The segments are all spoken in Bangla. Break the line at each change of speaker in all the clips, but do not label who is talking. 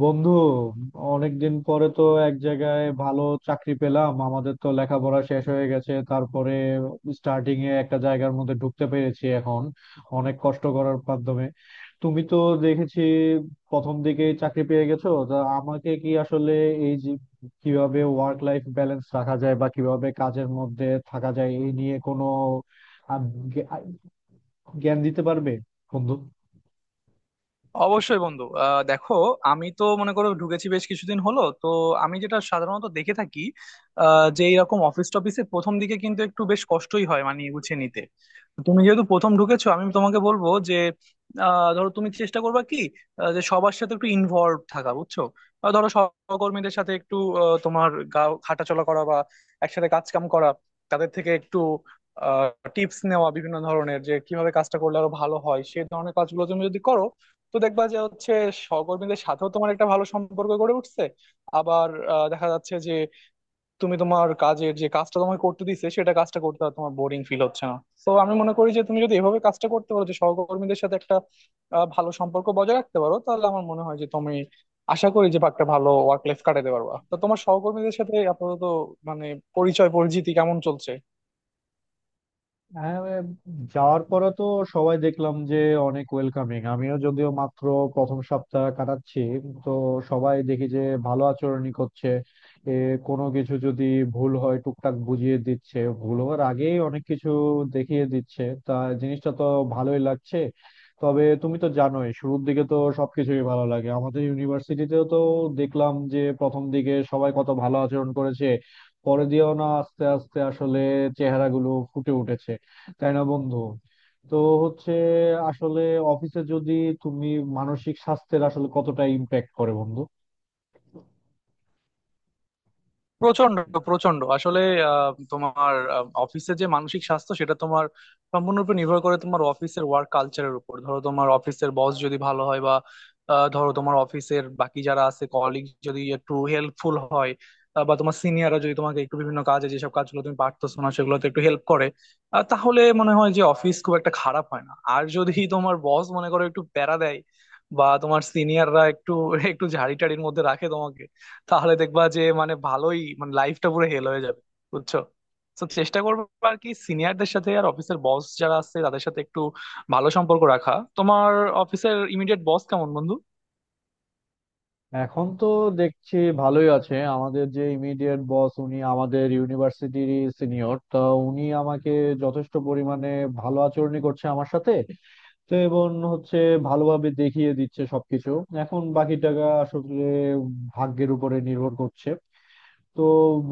বন্ধু, অনেকদিন পরে তো এক জায়গায় ভালো চাকরি পেলাম। আমাদের তো লেখাপড়া শেষ হয়ে গেছে, তারপরে স্টার্টিং এ একটা জায়গার মধ্যে ঢুকতে পেরেছি এখন অনেক কষ্ট করার মাধ্যমে। তুমি তো দেখেছি প্রথম দিকে চাকরি পেয়ে গেছো, তা আমাকে কি আসলে এই যে কিভাবে ওয়ার্ক লাইফ ব্যালেন্স রাখা যায় বা কিভাবে কাজের মধ্যে থাকা যায় এই নিয়ে কোনো আহ, জ্ঞা- জ্ঞান দিতে পারবে বন্ধু?
অবশ্যই বন্ধু। দেখো, আমি তো মনে করো ঢুকেছি বেশ কিছুদিন হলো তো। আমি যেটা সাধারণত দেখে থাকি, যে এরকম অফিস টফিসে প্রথম দিকে কিন্তু একটু বেশ কষ্টই হয়, মানে গুছিয়ে নিতে। তুমি যেহেতু প্রথম ঢুকেছো, আমি তোমাকে বলবো যে ধরো তুমি চেষ্টা করবা কি যে সবার সাথে একটু ইনভলভ থাকা, বুঝছো। ধরো সহকর্মীদের সাথে একটু তোমার গা হাঁটাচলা করা বা একসাথে কাজ কাম করা, তাদের থেকে একটু টিপস নেওয়া বিভিন্ন ধরনের, যে কিভাবে কাজটা করলে আরো ভালো হয়, সেই ধরনের কাজগুলো তুমি যদি করো তো দেখবা যে হচ্ছে সহকর্মীদের সাথেও তোমার একটা ভালো সম্পর্ক গড়ে উঠছে। আবার দেখা যাচ্ছে যে তুমি তোমার কাজের যে কাজটা তোমাকে করতে দিচ্ছে, সেটা কাজটা করতে আর তোমার বোরিং ফিল হচ্ছে না। তো আমি মনে করি যে তুমি যদি এভাবে কাজটা করতে পারো, যে সহকর্মীদের সাথে একটা ভালো সম্পর্ক বজায় রাখতে পারো, তাহলে আমার মনে হয় যে তুমি আশা করি যে একটা ভালো ওয়ার্ক লাইফ কাটাতে পারবা। তো তোমার সহকর্মীদের সাথে আপাতত মানে পরিচয় পরিচিতি কেমন চলছে?
হ্যাঁ, যাওয়ার পরে তো সবাই দেখলাম যে অনেক ওয়েলকামিং। আমিও যদিও মাত্র প্রথম সপ্তাহ কাটাচ্ছি, তো সবাই দেখি যে ভালো আচরণই করছে। এ কোনো কিছু যদি ভুল হয় টুকটাক বুঝিয়ে দিচ্ছে, ভুল হওয়ার আগেই অনেক কিছু দেখিয়ে দিচ্ছে। তা জিনিসটা তো ভালোই লাগছে। তবে তুমি তো জানোই শুরুর দিকে তো সবকিছুই ভালো লাগে, আমাদের ইউনিভার্সিটিতেও তো দেখলাম যে প্রথম দিকে সবাই কত ভালো আচরণ করেছে, পরে দিয়েও না আস্তে আস্তে আসলে চেহারাগুলো ফুটে উঠেছে। তাই না বন্ধু? তো হচ্ছে আসলে অফিসে যদি তুমি মানসিক স্বাস্থ্যের আসলে কতটা ইম্প্যাক্ট করে বন্ধু?
প্রচন্ড, প্রচন্ড আসলে তোমার অফিসে যে মানসিক স্বাস্থ্য, সেটা তোমার সম্পূর্ণরূপে নির্ভর করে তোমার অফিসের ওয়ার্ক কালচারের উপর। ধরো তোমার অফিসের বস যদি ভালো হয় বা ধরো তোমার অফিসের বাকি যারা আছে কলিগ যদি একটু হেল্পফুল হয়, বা তোমার সিনিয়ররা যদি তোমাকে একটু বিভিন্ন কাজে, যেসব কাজগুলো তুমি পারতেছো না, সেগুলোতে একটু হেল্প করে, তাহলে মনে হয় যে অফিস খুব একটা খারাপ হয় না। আর যদি তোমার বস মনে করো একটু প্যারা দেয় বা তোমার সিনিয়ররা একটু একটু ঝাড়ি টাড়ির মধ্যে রাখে, তাহলে দেখবা যে মানে ভালোই, মানে লাইফটা পুরো হেল হয়ে যাবে, বুঝছো। তো চেষ্টা করবো আর কি সিনিয়রদের সাথে আর অফিসের বস যারা আছে তাদের সাথে একটু ভালো সম্পর্ক রাখা। তোমার অফিসের ইমিডিয়েট বস কেমন বন্ধু?
এখন তো দেখছি ভালোই আছে। আমাদের যে ইমিডিয়েট বস, উনি আমাদের ইউনিভার্সিটির সিনিয়র, তো উনি আমাকে যথেষ্ট পরিমাণে ভালো আচরণই করছে আমার সাথে। তো এবং হচ্ছে ভালোভাবে দেখিয়ে দিচ্ছে সবকিছু। এখন বাকি টাকা আসলে ভাগ্যের উপরে নির্ভর করছে। তো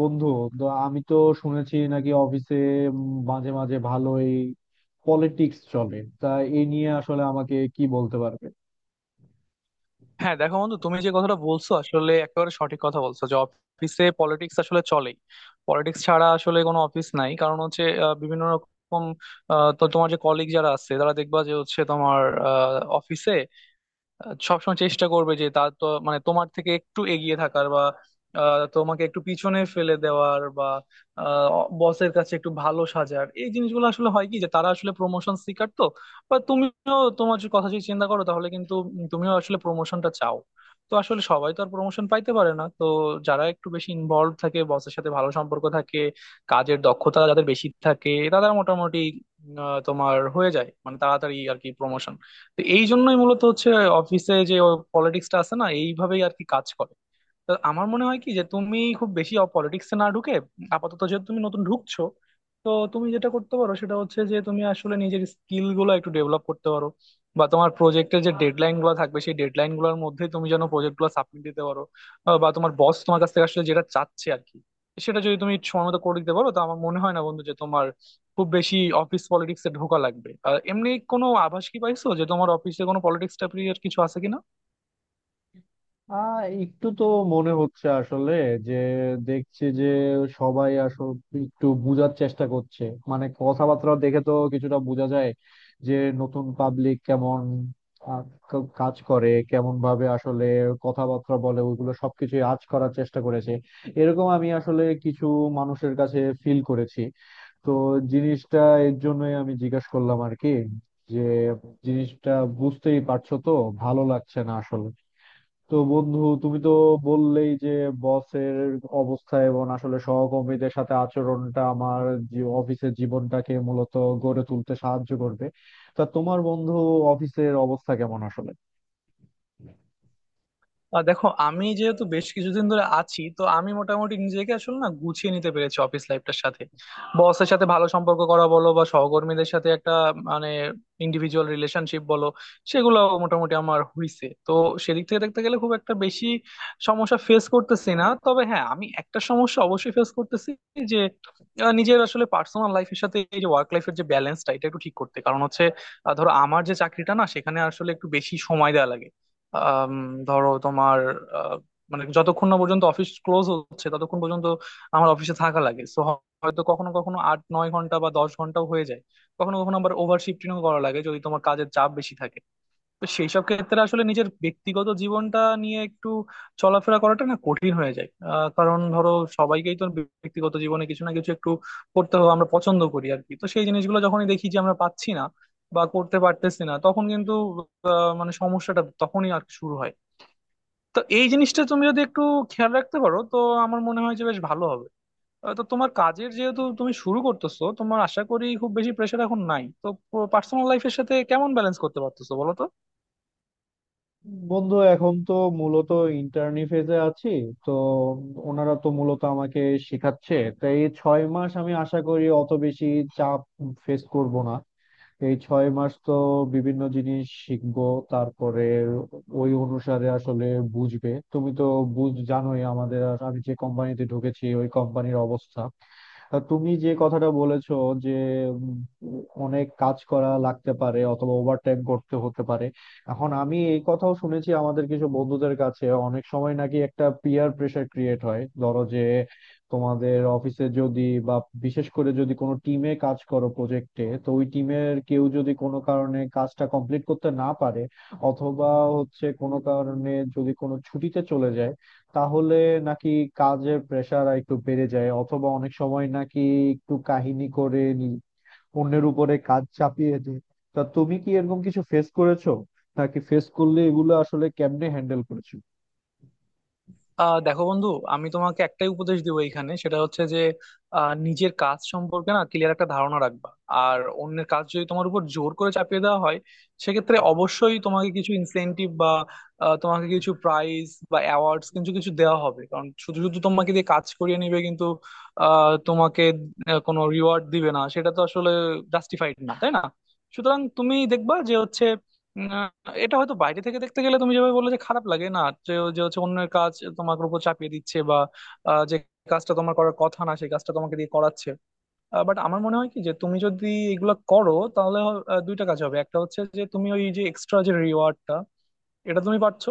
বন্ধু, তো আমি তো শুনেছি নাকি অফিসে মাঝে মাঝে ভালোই পলিটিক্স চলে, তা এই নিয়ে আসলে আমাকে কি বলতে পারবে?
হ্যাঁ, দেখো বন্ধু, তুমি যে কথাটা বলছো আসলে একেবারে সঠিক কথা বলছো যে অফিসে পলিটিক্স আসলে চলেই। পলিটিক্স ছাড়া আসলে কোনো অফিস নাই, কারণ হচ্ছে বিভিন্ন রকম তো তোমার যে কলিগ যারা আছে, তারা দেখবা যে হচ্ছে তোমার অফিসে সবসময় চেষ্টা করবে যে তার তো মানে তোমার থেকে একটু এগিয়ে থাকার বা তোমাকে একটু পিছনে ফেলে দেওয়ার বা বসের কাছে একটু ভালো সাজার। এই জিনিসগুলো আসলে হয় কি, যে তারা আসলে প্রমোশন সিকার তো, বা তুমিও তোমার যে কথা যদি চিন্তা করো তাহলে কিন্তু তুমিও আসলে প্রমোশনটা চাও। তো আসলে সবাই তো আর প্রমোশন পাইতে পারে না তো। যারা একটু বেশি ইনভলভ থাকে, বসের সাথে ভালো সম্পর্ক থাকে, কাজের দক্ষতা যাদের বেশি থাকে, তারা মোটামুটি তোমার হয়ে যায় মানে তাড়াতাড়ি আর কি প্রমোশন। তো এই জন্যই মূলত হচ্ছে অফিসে যে পলিটিক্সটা আছে না, এইভাবেই আর কি কাজ করে। তো আমার মনে হয় কি, যে তুমি খুব বেশি পলিটিক্সে না ঢুকে আপাতত যেহেতু তুমি নতুন ঢুকছো, তো তুমি যেটা করতে পারো সেটা হচ্ছে যে তুমি আসলে নিজের স্কিল গুলো একটু ডেভেলপ করতে পারো, বা তোমার প্রজেক্টের যে ডেডলাইন গুলো থাকবে, সেই ডেডলাইন গুলোর মধ্যে তুমি যেন প্রজেক্ট গুলো সাবমিট দিতে পারো, বা তোমার বস তোমার কাছ থেকে আসলে যেটা চাচ্ছে আর কি, সেটা যদি তুমি সময় মতো করে দিতে পারো, তো আমার মনে হয় না বন্ধু যে তোমার খুব বেশি অফিস পলিটিক্সে ঢোকা লাগবে। আর এমনি কোনো আভাস কি পাইছো যে তোমার অফিসে কোনো পলিটিক্স টাইপের কিছু আছে কিনা?
একটু তো মনে হচ্ছে আসলে যে দেখছি যে সবাই আসলে একটু বোঝার চেষ্টা করছে। মানে কথাবার্তা দেখে তো কিছুটা বোঝা যায় যে নতুন পাবলিক কেমন, আহ, কাজ করে কেমন ভাবে, আসলে কথাবার্তা বলে ওইগুলো সবকিছু আঁচ করার চেষ্টা করেছে। এরকম আমি আসলে কিছু মানুষের কাছে ফিল করেছি। তো জিনিসটা এর জন্যই আমি জিজ্ঞাসা করলাম আর কি, যে জিনিসটা বুঝতেই পারছো তো, ভালো লাগছে না আসলে। তো বন্ধু, তুমি তো বললেই যে বসের অবস্থা এবং আসলে সহকর্মীদের সাথে আচরণটা আমার অফিসের জীবনটাকে মূলত গড়ে তুলতে সাহায্য করবে। তা তোমার বন্ধু অফিসের অবস্থা কেমন আসলে?
দেখো, আমি যেহেতু বেশ কিছুদিন ধরে আছি, তো আমি মোটামুটি নিজেকে আসলে না গুছিয়ে নিতে পেরেছি অফিস লাইফটার সাথে। বসের সাথে ভালো সম্পর্ক করা বলো বা সহকর্মীদের সাথে একটা মানে ইন্ডিভিজুয়াল রিলেশনশিপ বলো, সেগুলো মোটামুটি আমার হইছে তো। সেদিক থেকে দেখতে গেলে খুব একটা বেশি সমস্যা ফেস করতেছি না। তবে হ্যাঁ, আমি একটা সমস্যা অবশ্যই ফেস করতেছি, যে নিজের আসলে পার্সোনাল লাইফের সাথে এই যে ওয়ার্ক লাইফের যে ব্যালেন্সটা, এটা একটু ঠিক করতে। কারণ হচ্ছে ধরো আমার যে চাকরিটা না, সেখানে আসলে একটু বেশি সময় দেওয়া লাগে। আম, ধরো তোমার আহ, মানে যতক্ষণ না পর্যন্ত অফিস ক্লোজ হচ্ছে, ততক্ষণ পর্যন্ত আমার অফিসে থাকা লাগে। সো হয়তো কখনো কখনো আট নয় ঘন্টা বা দশ ঘন্টাও হয়ে যায়। কখনো কখনো আবার ওভার শিফটিংও করা লাগে যদি তোমার কাজের চাপ বেশি থাকে। তো সেই সব ক্ষেত্রে আসলে নিজের ব্যক্তিগত জীবনটা নিয়ে একটু চলাফেরা করাটা না কঠিন হয়ে যায়। কারণ ধরো সবাইকেই তো ব্যক্তিগত জীবনে কিছু না কিছু একটু করতে হবে, আমরা পছন্দ করি আর কি। তো সেই জিনিসগুলো যখনই দেখি যে আমরা পাচ্ছি না বা করতে পারতেছি না, তখন কিন্তু মানে সমস্যাটা তখনই আর কি শুরু হয়। তো এই জিনিসটা তুমি যদি একটু খেয়াল রাখতে পারো, তো আমার মনে হয় যে বেশ ভালো হবে। তো তোমার কাজের যেহেতু তুমি শুরু করতেছো, তোমার আশা করি খুব বেশি প্রেশার এখন নাই তো। পার্সোনাল লাইফের সাথে কেমন ব্যালেন্স করতে পারতেছো বলো তো?
বন্ধু এখন তো মূলত ইন্টার্নি ফেজে আছি। তো ওনারা তো মূলত আমাকে শেখাচ্ছে, তাই এই 6 মাস আমি আশা করি অত বেশি চাপ ফেস করব না। এই 6 মাস তো বিভিন্ন জিনিস শিখবো, তারপরে ওই অনুসারে আসলে বুঝবে। তুমি তো বুঝ জানোই আমাদের আমি যে কোম্পানিতে ঢুকেছি ওই কোম্পানির অবস্থা। তা তুমি যে কথাটা বলেছো যে উম, অনেক কাজ করা লাগতে পারে অথবা ওভারটাইম করতে হতে পারে। এখন আমি এই কথাও শুনেছি আমাদের কিছু বন্ধুদের কাছে, অনেক সময় নাকি একটা পিয়ার প্রেসার ক্রিয়েট হয়। ধরো যে তোমাদের অফিসে যদি, বা বিশেষ করে যদি কোনো টিমে কাজ করো প্রজেক্টে, তো ওই টিমের কেউ যদি কোনো কারণে কাজটা কমপ্লিট করতে না পারে অথবা হচ্ছে কোনো কারণে যদি কোনো ছুটিতে চলে যায়, তাহলে নাকি কাজের প্রেসার একটু বেড়ে যায়, অথবা অনেক সময় নাকি একটু কাহিনী করে নি অন্যের উপরে কাজ চাপিয়ে দেয়। তা তুমি কি এরকম কিছু ফেস করেছো? নাকি ফেস করলে এগুলো আসলে কেমনে হ্যান্ডেল করেছো?
দেখো বন্ধু, আমি তোমাকে একটাই উপদেশ দিব এইখানে, সেটা হচ্ছে যে নিজের কাজ সম্পর্কে না ক্লিয়ার একটা ধারণা রাখবা। আর অন্যের কাজ যদি তোমার উপর জোর করে চাপিয়ে দেওয়া হয়, সেক্ষেত্রে অবশ্যই তোমাকে কিছু ইনসেনটিভ বা তোমাকে কিছু প্রাইজ বা অ্যাওয়ার্ডস কিছু কিছু দেওয়া হবে। কারণ শুধু শুধু তোমাকে দিয়ে কাজ করিয়ে নিবে, কিন্তু তোমাকে কোনো রিওয়ার্ড দিবে না, সেটা তো আসলে জাস্টিফাইড না, তাই না? সুতরাং তুমি দেখবা যে হচ্ছে এটা হয়তো বাইরে থেকে দেখতে গেলে তুমি যেভাবে বললে যে খারাপ লাগে না, যে যে হচ্ছে অন্যের কাজ তোমার উপর চাপিয়ে দিচ্ছে বা যে কাজটা তোমার করার কথা না, সেই কাজটা তোমাকে দিয়ে করাচ্ছে। বাট আমার মনে হয় কি, যে তুমি যদি এগুলো করো তাহলে দুইটা কাজ হবে। একটা হচ্ছে যে তুমি ওই যে এক্সট্রা যে রিওয়ার্ডটা, এটা তুমি পাচ্ছ।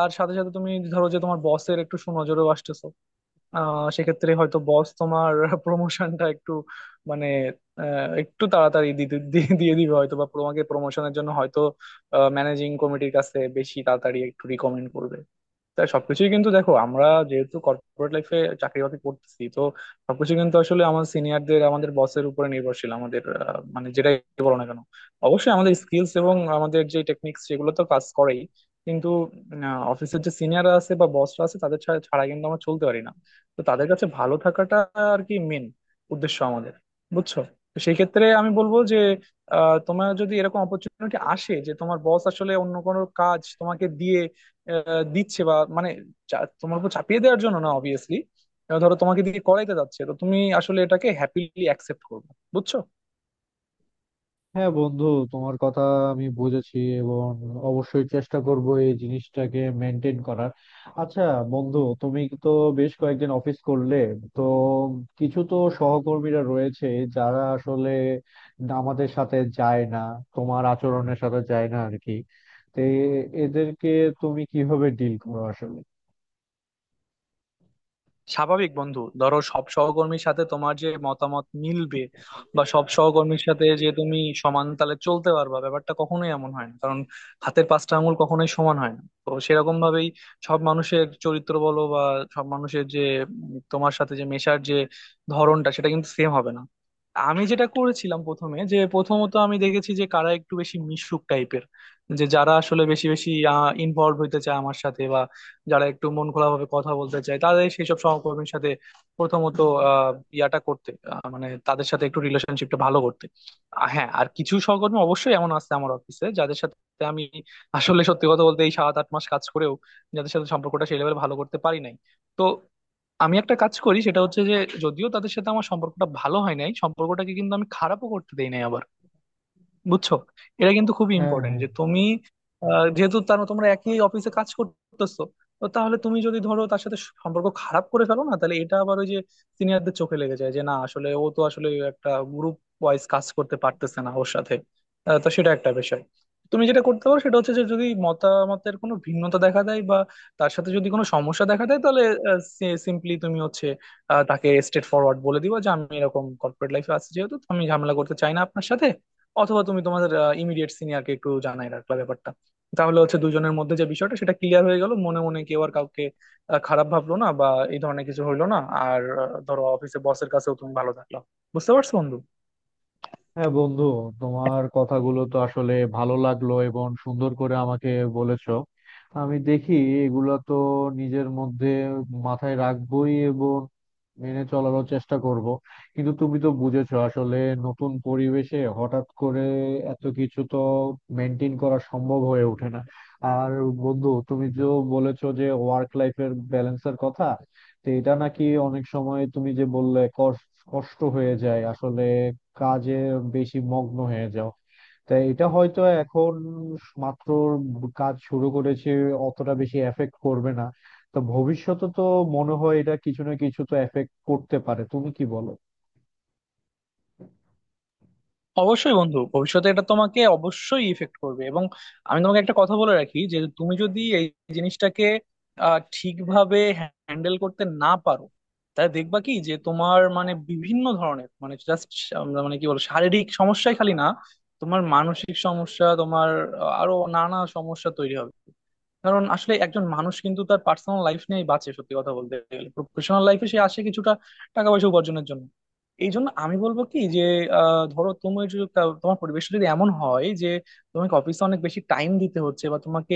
আর সাথে সাথে তুমি ধরো যে তোমার বসের একটু সুনজরেও আসতেছো। সেক্ষেত্রে হয়তো বস তোমার প্রমোশনটা একটু মানে একটু তাড়াতাড়ি দিয়ে দিবে হয়তো, বা তোমাকে প্রমোশনের জন্য হয়তো ম্যানেজিং কমিটির কাছে বেশি তাড়াতাড়ি একটু রিকমেন্ড করবে। তাই সবকিছুই কিন্তু দেখো, আমরা যেহেতু কর্পোরেট লাইফে চাকরি বাকরি করতেছি, তো সবকিছু কিন্তু আসলে আমার সিনিয়রদের, আমাদের বসের উপরে নির্ভরশীল আমাদের। মানে যেটাই বলো না কেন, অবশ্যই আমাদের স্কিলস এবং আমাদের যে টেকনিক্স সেগুলো তো কাজ করেই, কিন্তু অফিসের যে সিনিয়ররা আছে বা বসরা আছে, তাদের ছাড়া ছাড়া কিন্তু আমরা চলতে পারি না। তো তাদের কাছে ভালো থাকাটা আর কি মেন উদ্দেশ্য আমাদের, বুঝছো। তো সেই ক্ষেত্রে আমি বলবো যে তোমার যদি এরকম অপরচুনিটি আসে যে তোমার বস আসলে অন্য কোনো কাজ তোমাকে দিয়ে দিচ্ছে, বা মানে তোমার উপর চাপিয়ে দেওয়ার জন্য না অবভিয়াসলি, ধরো তোমাকে দিয়ে করাইতে যাচ্ছে, তো তুমি আসলে এটাকে হ্যাপিলি অ্যাকসেপ্ট করবে, বুঝছো।
হ্যাঁ বন্ধু, তোমার কথা আমি বুঝেছি এবং অবশ্যই চেষ্টা করব এই জিনিসটাকে মেনটেন করার। আচ্ছা বন্ধু, তুমি তো বেশ কয়েকদিন অফিস করলে, তো কিছু তো সহকর্মীরা রয়েছে যারা আসলে আমাদের সাথে যায় না, তোমার আচরণের সাথে যায় না আর কি। তো এদেরকে তুমি কিভাবে ডিল করো আসলে?
স্বাভাবিক বন্ধু, ধরো সব সহকর্মীর সাথে তোমার যে মতামত মিলবে বা সব সহকর্মীর সাথে যে তুমি সমান তালে চলতে পারবা, ব্যাপারটা কখনোই এমন হয় না। কারণ হাতের পাঁচটা আঙুল কখনোই সমান হয় না। তো সেরকম ভাবেই সব মানুষের চরিত্র বলো বা সব মানুষের যে তোমার সাথে যে মেশার যে ধরনটা, সেটা কিন্তু সেম হবে না। আমি যেটা করেছিলাম প্রথমে যে, প্রথমত আমি দেখেছি যে কারা একটু বেশি মিশুক টাইপের, যে যারা আসলে বেশি বেশি ইনভলভ হইতে চায় আমার সাথে, যারা একটু মন খোলাভাবে কথা বলতে চায়, তাদের সেই সব সহকর্মীর সাথে প্রথমত ইয়াটা করতে মানে তাদের সাথে একটু রিলেশনশিপটা ভালো করতে। হ্যাঁ, আর কিছু সহকর্মী অবশ্যই এমন আছে আমার অফিসে যাদের সাথে আমি আসলে সত্যি কথা বলতে এই সাত আট মাস কাজ করেও যাদের সাথে সম্পর্কটা সেই লেভেলে ভালো করতে পারি নাই। তো আমি একটা কাজ করি, সেটা হচ্ছে যে যদিও তাদের সাথে আমার সম্পর্কটা ভালো হয় নাই, সম্পর্কটাকে কিন্তু আমি খারাপও করতে দেই নাই আবার, বুঝছো। এটা কিন্তু খুবই
হ্যাঁ,
ইম্পর্টেন্ট
হ্যাঁ।
যে তুমি যেহেতু তার তোমরা একই অফিসে কাজ করতেছো, তো তাহলে তুমি যদি ধরো তার সাথে সম্পর্ক খারাপ করে ফেলো না, তাহলে এটা আবার ওই যে সিনিয়রদের চোখে লেগে যায়, যে না আসলে ও তো আসলে একটা গ্রুপ ওয়াইজ কাজ করতে পারতেছে না ওর সাথে। তো সেটা একটা বিষয়। তুমি যেটা করতে পারো সেটা হচ্ছে যে যদি মতামতের কোনো ভিন্নতা দেখা দেয় বা তার সাথে যদি কোনো সমস্যা দেখা দেয়, তাহলে সিম্পলি তুমি হচ্ছে তাকে স্ট্রেট ফরওয়ার্ড বলে দিবা যে আমি এরকম কর্পোরেট লাইফে আছি যেহেতু, তো আমি ঝামেলা করতে চাই না আপনার সাথে। অথবা তুমি তোমাদের ইমিডিয়েট সিনিয়রকে একটু জানাই রাখলা ব্যাপারটা, তাহলে হচ্ছে দুজনের মধ্যে যে বিষয়টা সেটা ক্লিয়ার হয়ে গেল, মনে মনে কেউ আর কাউকে খারাপ ভাবলো না বা এই ধরনের কিছু হইলো না। আর ধরো অফিসে বসের কাছেও তুমি ভালো থাকলা। বুঝতে পারছো বন্ধু?
হ্যাঁ বন্ধু, তোমার কথাগুলো তো আসলে ভালো লাগলো এবং সুন্দর করে আমাকে বলেছো। আমি দেখি এগুলা তো নিজের মধ্যে মাথায় রাখবোই এবং মেনে চলারও চেষ্টা করব। কিন্তু তুমি তো বুঝেছো আসলে নতুন পরিবেশে হঠাৎ করে এত কিছু তো মেনটেন করা সম্ভব হয়ে ওঠে না। আর বন্ধু তুমি যে বলেছো যে ওয়ার্ক লাইফের ব্যালেন্সের কথা, তো এটা নাকি অনেক সময় তুমি যে বললে কষ্ট কষ্ট হয়ে যায় আসলে কাজে বেশি মগ্ন হয়ে যাও। তাই এটা হয়তো এখন মাত্র কাজ শুরু করেছে অতটা বেশি এফেক্ট করবে না, তো ভবিষ্যতে তো মনে হয় এটা কিছু না কিছু তো এফেক্ট করতে পারে। তুমি কি বলো?
অবশ্যই বন্ধু, ভবিষ্যতে এটা তোমাকে অবশ্যই ইফেক্ট করবে। এবং আমি তোমাকে একটা কথা বলে রাখি যে তুমি যদি এই জিনিসটাকে ঠিকভাবে হ্যান্ডেল করতে না পারো, তাহলে দেখবা কি যে তোমার মানে বিভিন্ন ধরনের মানে জাস্ট মানে কি বল, শারীরিক সমস্যাই খালি না, তোমার মানসিক সমস্যা, তোমার আরো নানা সমস্যা তৈরি হবে। কারণ আসলে একজন মানুষ কিন্তু তার পার্সোনাল লাইফ নিয়েই বাঁচে সত্যি কথা বলতে গেলে। প্রফেশনাল লাইফে সে আসে কিছুটা টাকা পয়সা উপার্জনের জন্য। এই জন্য আমি বলবো কি যে ধরো তুমি যদি তোমার পরিবেশ যদি এমন হয় যে তোমাকে অফিসে অনেক বেশি টাইম দিতে হচ্ছে বা তোমাকে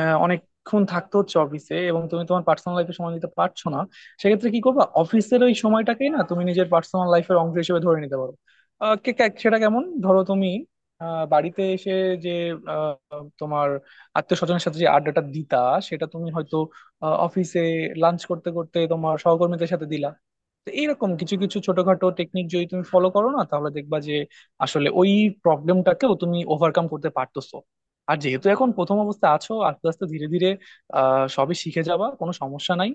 অনেকক্ষণ থাকতে হচ্ছে অফিসে, এবং তুমি তোমার পার্সোনাল লাইফে সময় দিতে পারছো না, সেক্ষেত্রে কি করবা? অফিসের ওই সময়টাকেই না তুমি নিজের পার্সোনাল লাইফের অংশ হিসেবে ধরে নিতে পারো। সেটা কেমন? ধরো তুমি বাড়িতে এসে যে তোমার আত্মীয় স্বজনের সাথে যে আড্ডাটা দিতা, সেটা তুমি হয়তো অফিসে লাঞ্চ করতে করতে তোমার সহকর্মীদের সাথে দিলা। তো এইরকম কিছু কিছু ছোটখাটো টেকনিক যদি তুমি ফলো করো না, তাহলে দেখবা যে আসলে ওই প্রবলেমটাকেও তুমি ওভারকাম করতে পারতেছো। আর যেহেতু এখন প্রথম অবস্থায় আছো, আস্তে আস্তে ধীরে ধীরে সবই শিখে যাবা, কোনো সমস্যা নাই।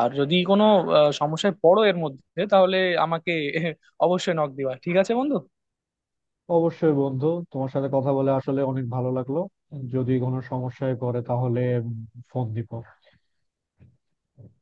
আর যদি কোনো সমস্যায় পড়ো এর মধ্যে, তাহলে আমাকে অবশ্যই নক দিবা। ঠিক আছে বন্ধু?
অবশ্যই বন্ধু, তোমার সাথে কথা বলে আসলে অনেক ভালো লাগলো। যদি কোনো সমস্যায় পড়ে তাহলে ফোন দিব।